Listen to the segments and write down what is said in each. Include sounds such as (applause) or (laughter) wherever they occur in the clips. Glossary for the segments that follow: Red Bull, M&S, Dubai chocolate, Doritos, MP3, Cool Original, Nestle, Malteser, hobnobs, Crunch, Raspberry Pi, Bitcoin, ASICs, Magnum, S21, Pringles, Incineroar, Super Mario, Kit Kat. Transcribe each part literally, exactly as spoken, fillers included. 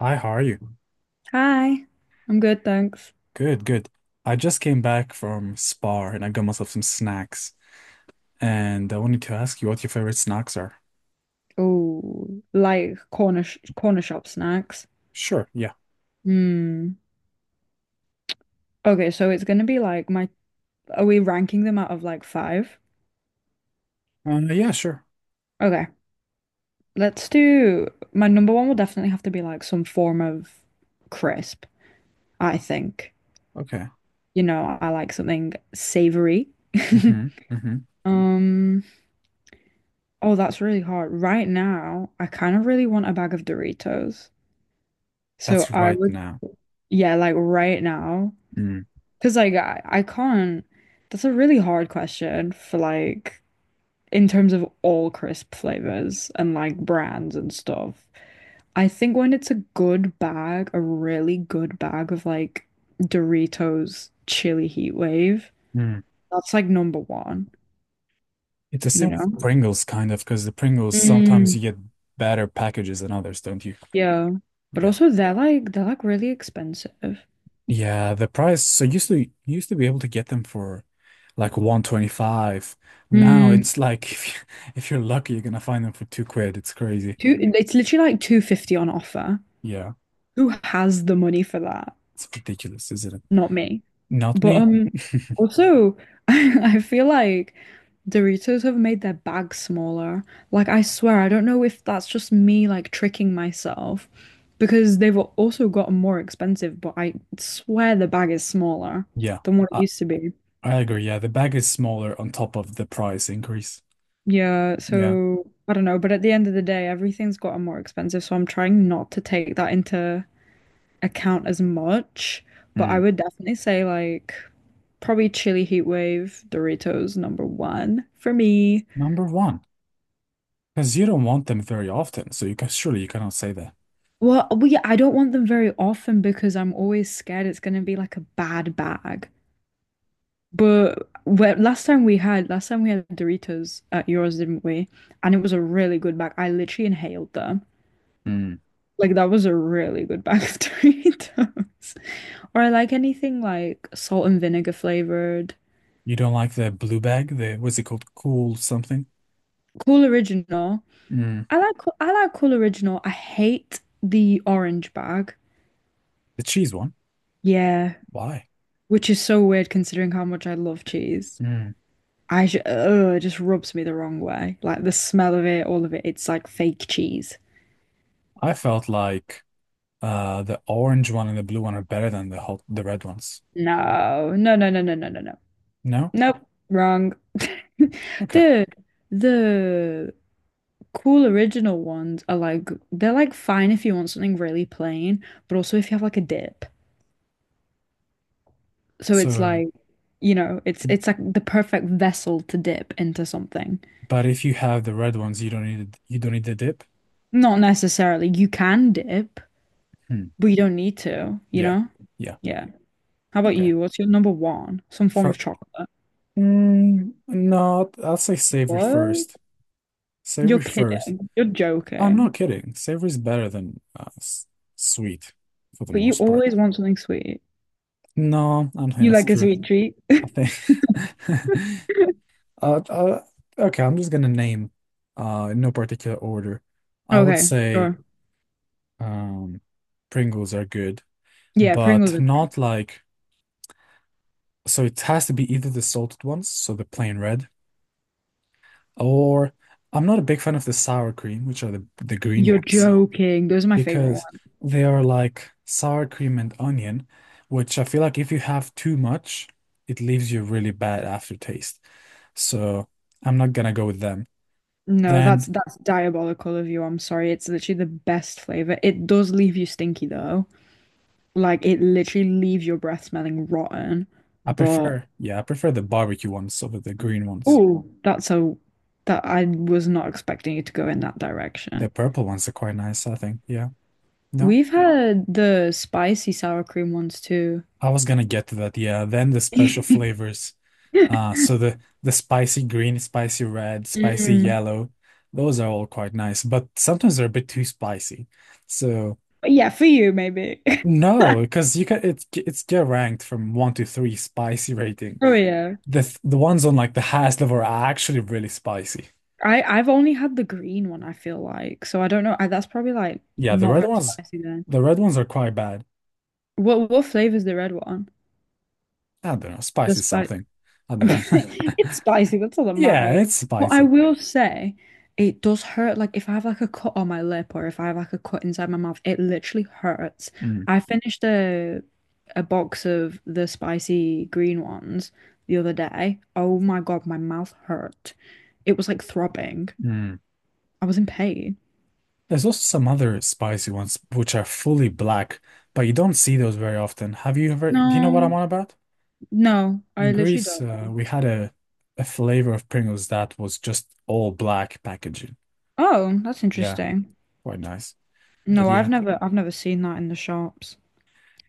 Hi, how are you? Hi. I'm good, thanks. Good, good. I just came back from Spa and I got myself some snacks. And I wanted to ask you what your favorite snacks are. Oh, like corner sh corner shop snacks. Sure, yeah. Hmm. Okay, so it's gonna be like my, are we ranking them out of like five? Uh, yeah, sure. Okay, let's do, my number one will definitely have to be like some form of crisp, I think. Okay. You know, I like something savory. Mm-hmm. (laughs) Mm-hmm. Um, oh, that's really hard. Right now, I kind of really want a bag of Doritos. So That's I right would, now. yeah, like right now. Mm. Because like I, I can't. That's a really hard question for like in terms of all crisp flavors and like brands and stuff. I think when it's a good bag, a really good bag of like Doritos chili heat wave, Mm. that's like number one, It's the you same with know? Pringles, kind of, because the Pringles sometimes Mm, you get better packages than others, don't you? yeah. But Yeah. also they're like they're like really expensive. Yeah, the price. So used to you used to be able to get them for like one twenty-five. Now Mm, it's like (laughs) if you, if you're lucky, you're gonna find them for two quid. It's crazy. two, it's literally like two fifty on offer. Yeah. Who has the money for that? It's ridiculous, isn't it? Not me. Not But me. um, (laughs) also, (laughs) I, I feel like Doritos have made their bag smaller. Like, I swear, I don't know if that's just me like tricking myself because they've al- also gotten more expensive, but I swear the bag is smaller Yeah, than what it I, used to be. I agree. Yeah, the bag is smaller on top of the price increase. Yeah, Yeah. so I don't know, but at the end of the day, everything's gotten more expensive, so I'm trying not to take that into account as much. But I Mm. would definitely say like probably chili heat wave, Doritos number one for me. Number one, because you don't want them very often, so you can surely you cannot say that. Well, we I don't want them very often because I'm always scared it's gonna be like a bad bag. But where, last time we had last time we had Doritos at yours, didn't we? And it was a really good bag. I literally inhaled them. Mm. Like that was a really good bag of (laughs) Doritos. Or I like anything like salt and vinegar flavored. You don't like the blue bag, the what's it called? Cool something? Cool Original. Mm. I like Cool- I like Cool Original. I hate the orange bag. The cheese one? Yeah, Why? which is so weird considering how much I love cheese. Mm. I sh ugh, it just rubs me the wrong way. Like the smell of it, all of it, it's like fake cheese. I felt like Uh, the orange one and the blue one are better than the whole, the red ones. No, no, no, no, no, no, no, no. No? Nope, wrong. (laughs) Okay. The the cool original ones are like they're like fine if you want something really plain, but also if you have like a dip. So it's So, like, you know, it's it's like the perfect vessel to dip into something. but if you have the red ones, you don't need you don't need the dip. Not necessarily you can dip, Hmm. but you don't need to, you Yeah. know? Yeah. Yeah. How about Okay. you? What's your number one? Some form of For chocolate. mm, no, I'll say savory What? first. You're Savory first. kidding. You're I'm joking. not kidding. Savory is better than uh, s- sweet for the But you most part. always want something sweet. No, I don't think You that's like a true. sweet treat. I think. (laughs) (laughs) uh, uh, okay, I'm just gonna name, uh, in no particular order. I would Okay, say. sure. Um, Pringles are good, Yeah, Pringles but are great. not like, so it has to be either the salted ones, so the plain red, or I'm not a big fan of the sour cream, which are the the green You're ones, joking. Those are my favorite because ones. they are like sour cream and onion, which I feel like if you have too much, it leaves you really bad aftertaste. So I'm not gonna go with them. No, that's Then that's diabolical of you. I'm sorry. It's literally the best flavor. It does leave you stinky though. Like it literally leaves your breath smelling rotten. I But prefer, yeah, I prefer the barbecue ones over the green ones. oh, that's a that I was not expecting you to go in that The direction. purple ones are quite nice, I think. Yeah. No? We've had the spicy sour cream ones too. I was gonna get to that, yeah. Then the special (laughs) flavors. Uh, so the the spicy green, spicy red, spicy Mm. yellow, those are all quite nice, but sometimes they're a bit too spicy. So But yeah, for you maybe. (laughs) no, because you can it it's get ranked from one to three spicy rating. Oh yeah. The th- the ones on like the highest level are actually really spicy. I I've only had the green one, I feel like. So I don't know. I, that's probably like Yeah, the not red very ones, spicy then. the red ones are quite bad. What what flavor's the red one? I don't know, The spicy spi- something. I (laughs) don't know. It's (laughs) spicy, that's all that Yeah, matters. it's But I spicy. will say it does hurt. Like if I have like a cut on my lip or if I have like a cut inside my mouth, it literally hurts. Mm, I finished a a box of the spicy green ones the other day. Oh my God, my mouth hurt. It was like throbbing. mm. I was in pain. There's also some other spicy ones which are fully black, but you don't see those very often. Have you ever, No, do you know what I'm on about? no, I In literally Greece, don't uh, know. we had a a flavor of Pringles that was just all black packaging. Oh, that's Yeah, interesting. quite nice. But No, I've yeah. never I've never seen that in the shops.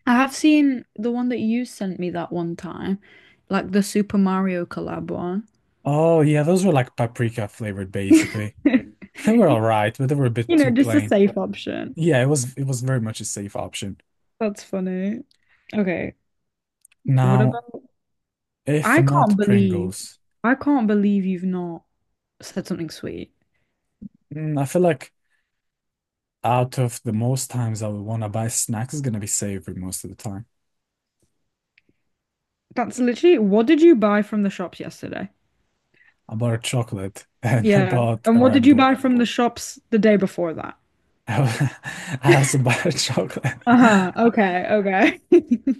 I have seen the one that you sent me that one time, like the Super Mario collab one. Oh yeah, those were like paprika flavored basically. (laughs) (laughs) They were all right, but they were a bit You know, too just a plain. safe option. Yeah, it was it was very much a safe option. That's funny. Okay. What Now, about? if I can't not believe, Pringles, I can't believe you've not said something sweet. mm, I feel like out of the most times I would want to buy snacks is gonna be savory most of the time. That's literally, what did you buy from the shops yesterday? I bought a chocolate (laughs) and I Yeah. bought a And what Oh, did Red you Bull. buy from the shops the day before that? (laughs) I also bought a chocolate. (laughs) Uh-huh. Okay. Okay. (laughs) Are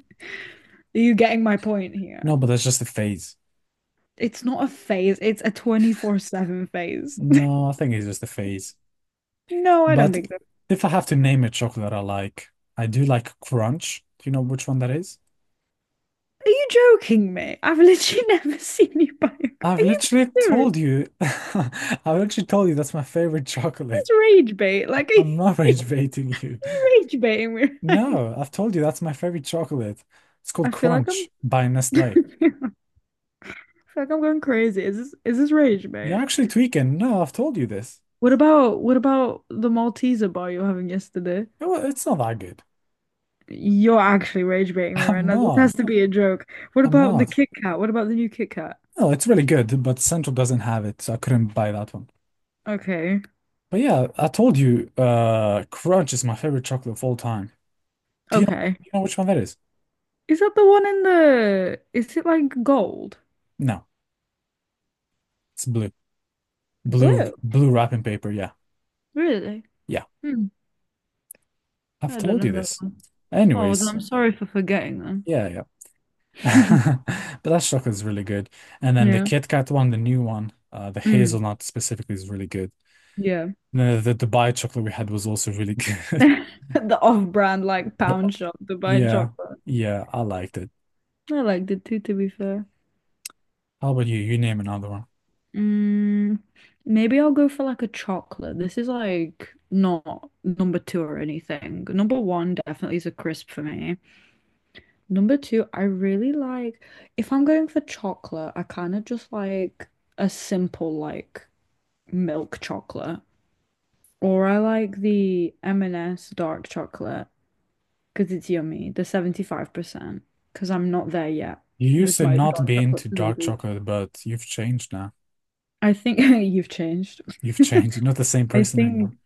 you getting my point here? No, but that's just a phase. It's not a phase, it's a twenty-four seven phase. No, I think it's just a phase. No, I don't But think so. if I have to name a chocolate I like, I do like Crunch. Do you know which one that is? Are you joking me? I've literally (laughs) never seen you buy a. car. I've Are you literally being serious? told you. (laughs) I've literally told you that's my favorite chocolate. That's rage bait. Like, are (laughs) you, I'm not (laughs) are rage baiting you. you rage baiting me? (laughs) No, I've told you that's my favorite chocolate. It's I called feel like I'm. Crunch by (laughs) Nestle. I feel like I'm going crazy. Is this is this rage You're bait? actually tweaking. No, I've told you this. What about what about the Malteser bar you were having yesterday? It wa- It's not that good. You're actually rage baiting me right I'm now. This not. has to be a joke. What I'm about the not. Kit Kat? What about the new Kit Kat? No, it's really good, but Central doesn't have it, so I couldn't buy that one. Okay, But yeah, I told you, uh, Crunch is my favorite chocolate of all time. Do you know, do okay. you know which one that is? Is that the one in the? Is it like gold? No, it's blue. Blue, Blue? blue wrapping paper. Yeah. Really? Yeah. Hmm. I've I don't told know you that this. one. Oh, then Anyways, I'm sorry for forgetting them. yeah, yeah. (laughs) (laughs) But that chocolate is really good. And then the Yeah. Kit Kat one, the new one, uh, the Mm, hazelnut specifically is really good. yeah. (laughs) And then the the Dubai chocolate we had was also really (laughs) good. The off-brand like But, pound shop to buy yeah, chocolate. yeah, I liked it. I liked it too, to be fair. How about you? You name another one. Mm, maybe I'll go for like a chocolate. This is like not number two or anything. Number one definitely is a crisp for me. Number two, I really like if I'm going for chocolate, I kind of just like a simple like milk chocolate. Or I like the M and S dark chocolate because it's yummy, the seventy-five percent, because I'm not there yet You used with to my not dark be into chocolate dark percentage. chocolate, but you've changed now. I think (laughs) you've changed. You've (laughs) changed. You're not the same (laughs) I person anymore. think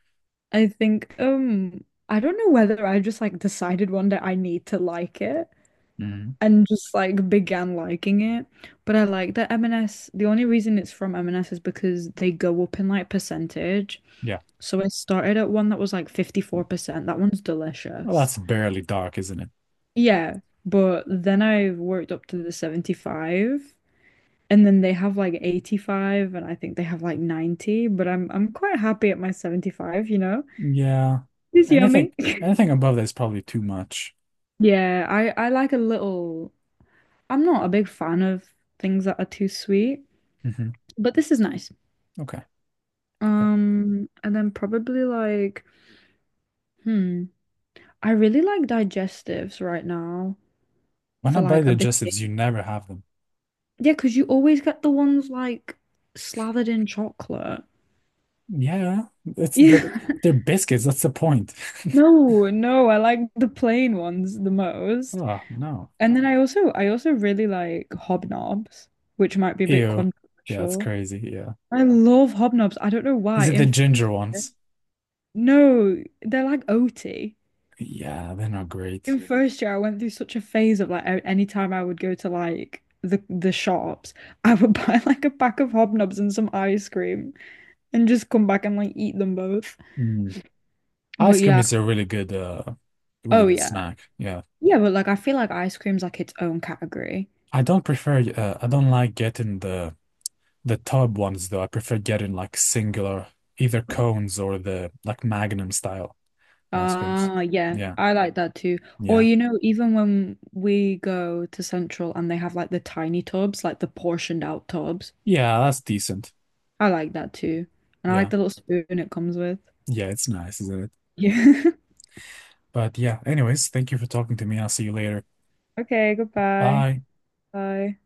I think um I don't know whether I just like decided one day I need to like it Mm. and just like began liking it. But I like that M and S. The only reason it's from M and S is because they go up in like percentage. Yeah. So I started at one that was like fifty-four percent. That one's Well, delicious. that's barely dark, isn't it? Yeah, but then I worked up to the seventy-five and then they have like eighty-five and I think they have like ninety, but I'm I'm quite happy at my seventy-five, you know? Yeah. It's Anything yummy. (laughs) anything above that is probably too much. Yeah, I I like a little I'm not a big fan of things that are too sweet, Hmm. but this is nice. Okay. Okay. Um, and then probably like hmm, I really like digestives right now When for I buy like a biscuit. digestives, you never have them. Yeah, because you always get the ones like slathered in chocolate. Yeah, yeah. (laughs) it's they're Yeah. they're biscuits. That's the point. (laughs) No, no, I like the plain ones the most. Oh no. And then I also I also really like hobnobs, which might be a bit Ew. Yeah, that's controversial. crazy. Yeah. I love hobnobs. I don't know Is why. it the In first ginger year, ones? No, they're like O T. Yeah, they're not great. In first year, I went through such a phase of like a- any time I would go to like the the shops, I would (laughs) buy like a pack of hobnobs and some ice cream and just come back and like eat them both. Mm. But Ice cream yeah. is a really good uh really Oh good yeah. snack. Yeah. Yeah, but like I feel like ice cream's like its own category. I don't prefer uh, I don't like getting the the tub ones though. I prefer getting like singular either cones or the like Magnum style ice creams. Ah, yeah, Yeah. I like that too. Or Yeah. you know, even when we go to Central and they have like the tiny tubs, like the portioned out tubs, Yeah, that's decent. I like that too. And I like Yeah. the little spoon it comes with. Yeah, it's nice, isn't it? Yeah. (laughs) But yeah, anyways, thank you for talking to me. I'll see you later. Okay, goodbye. Bye. Bye.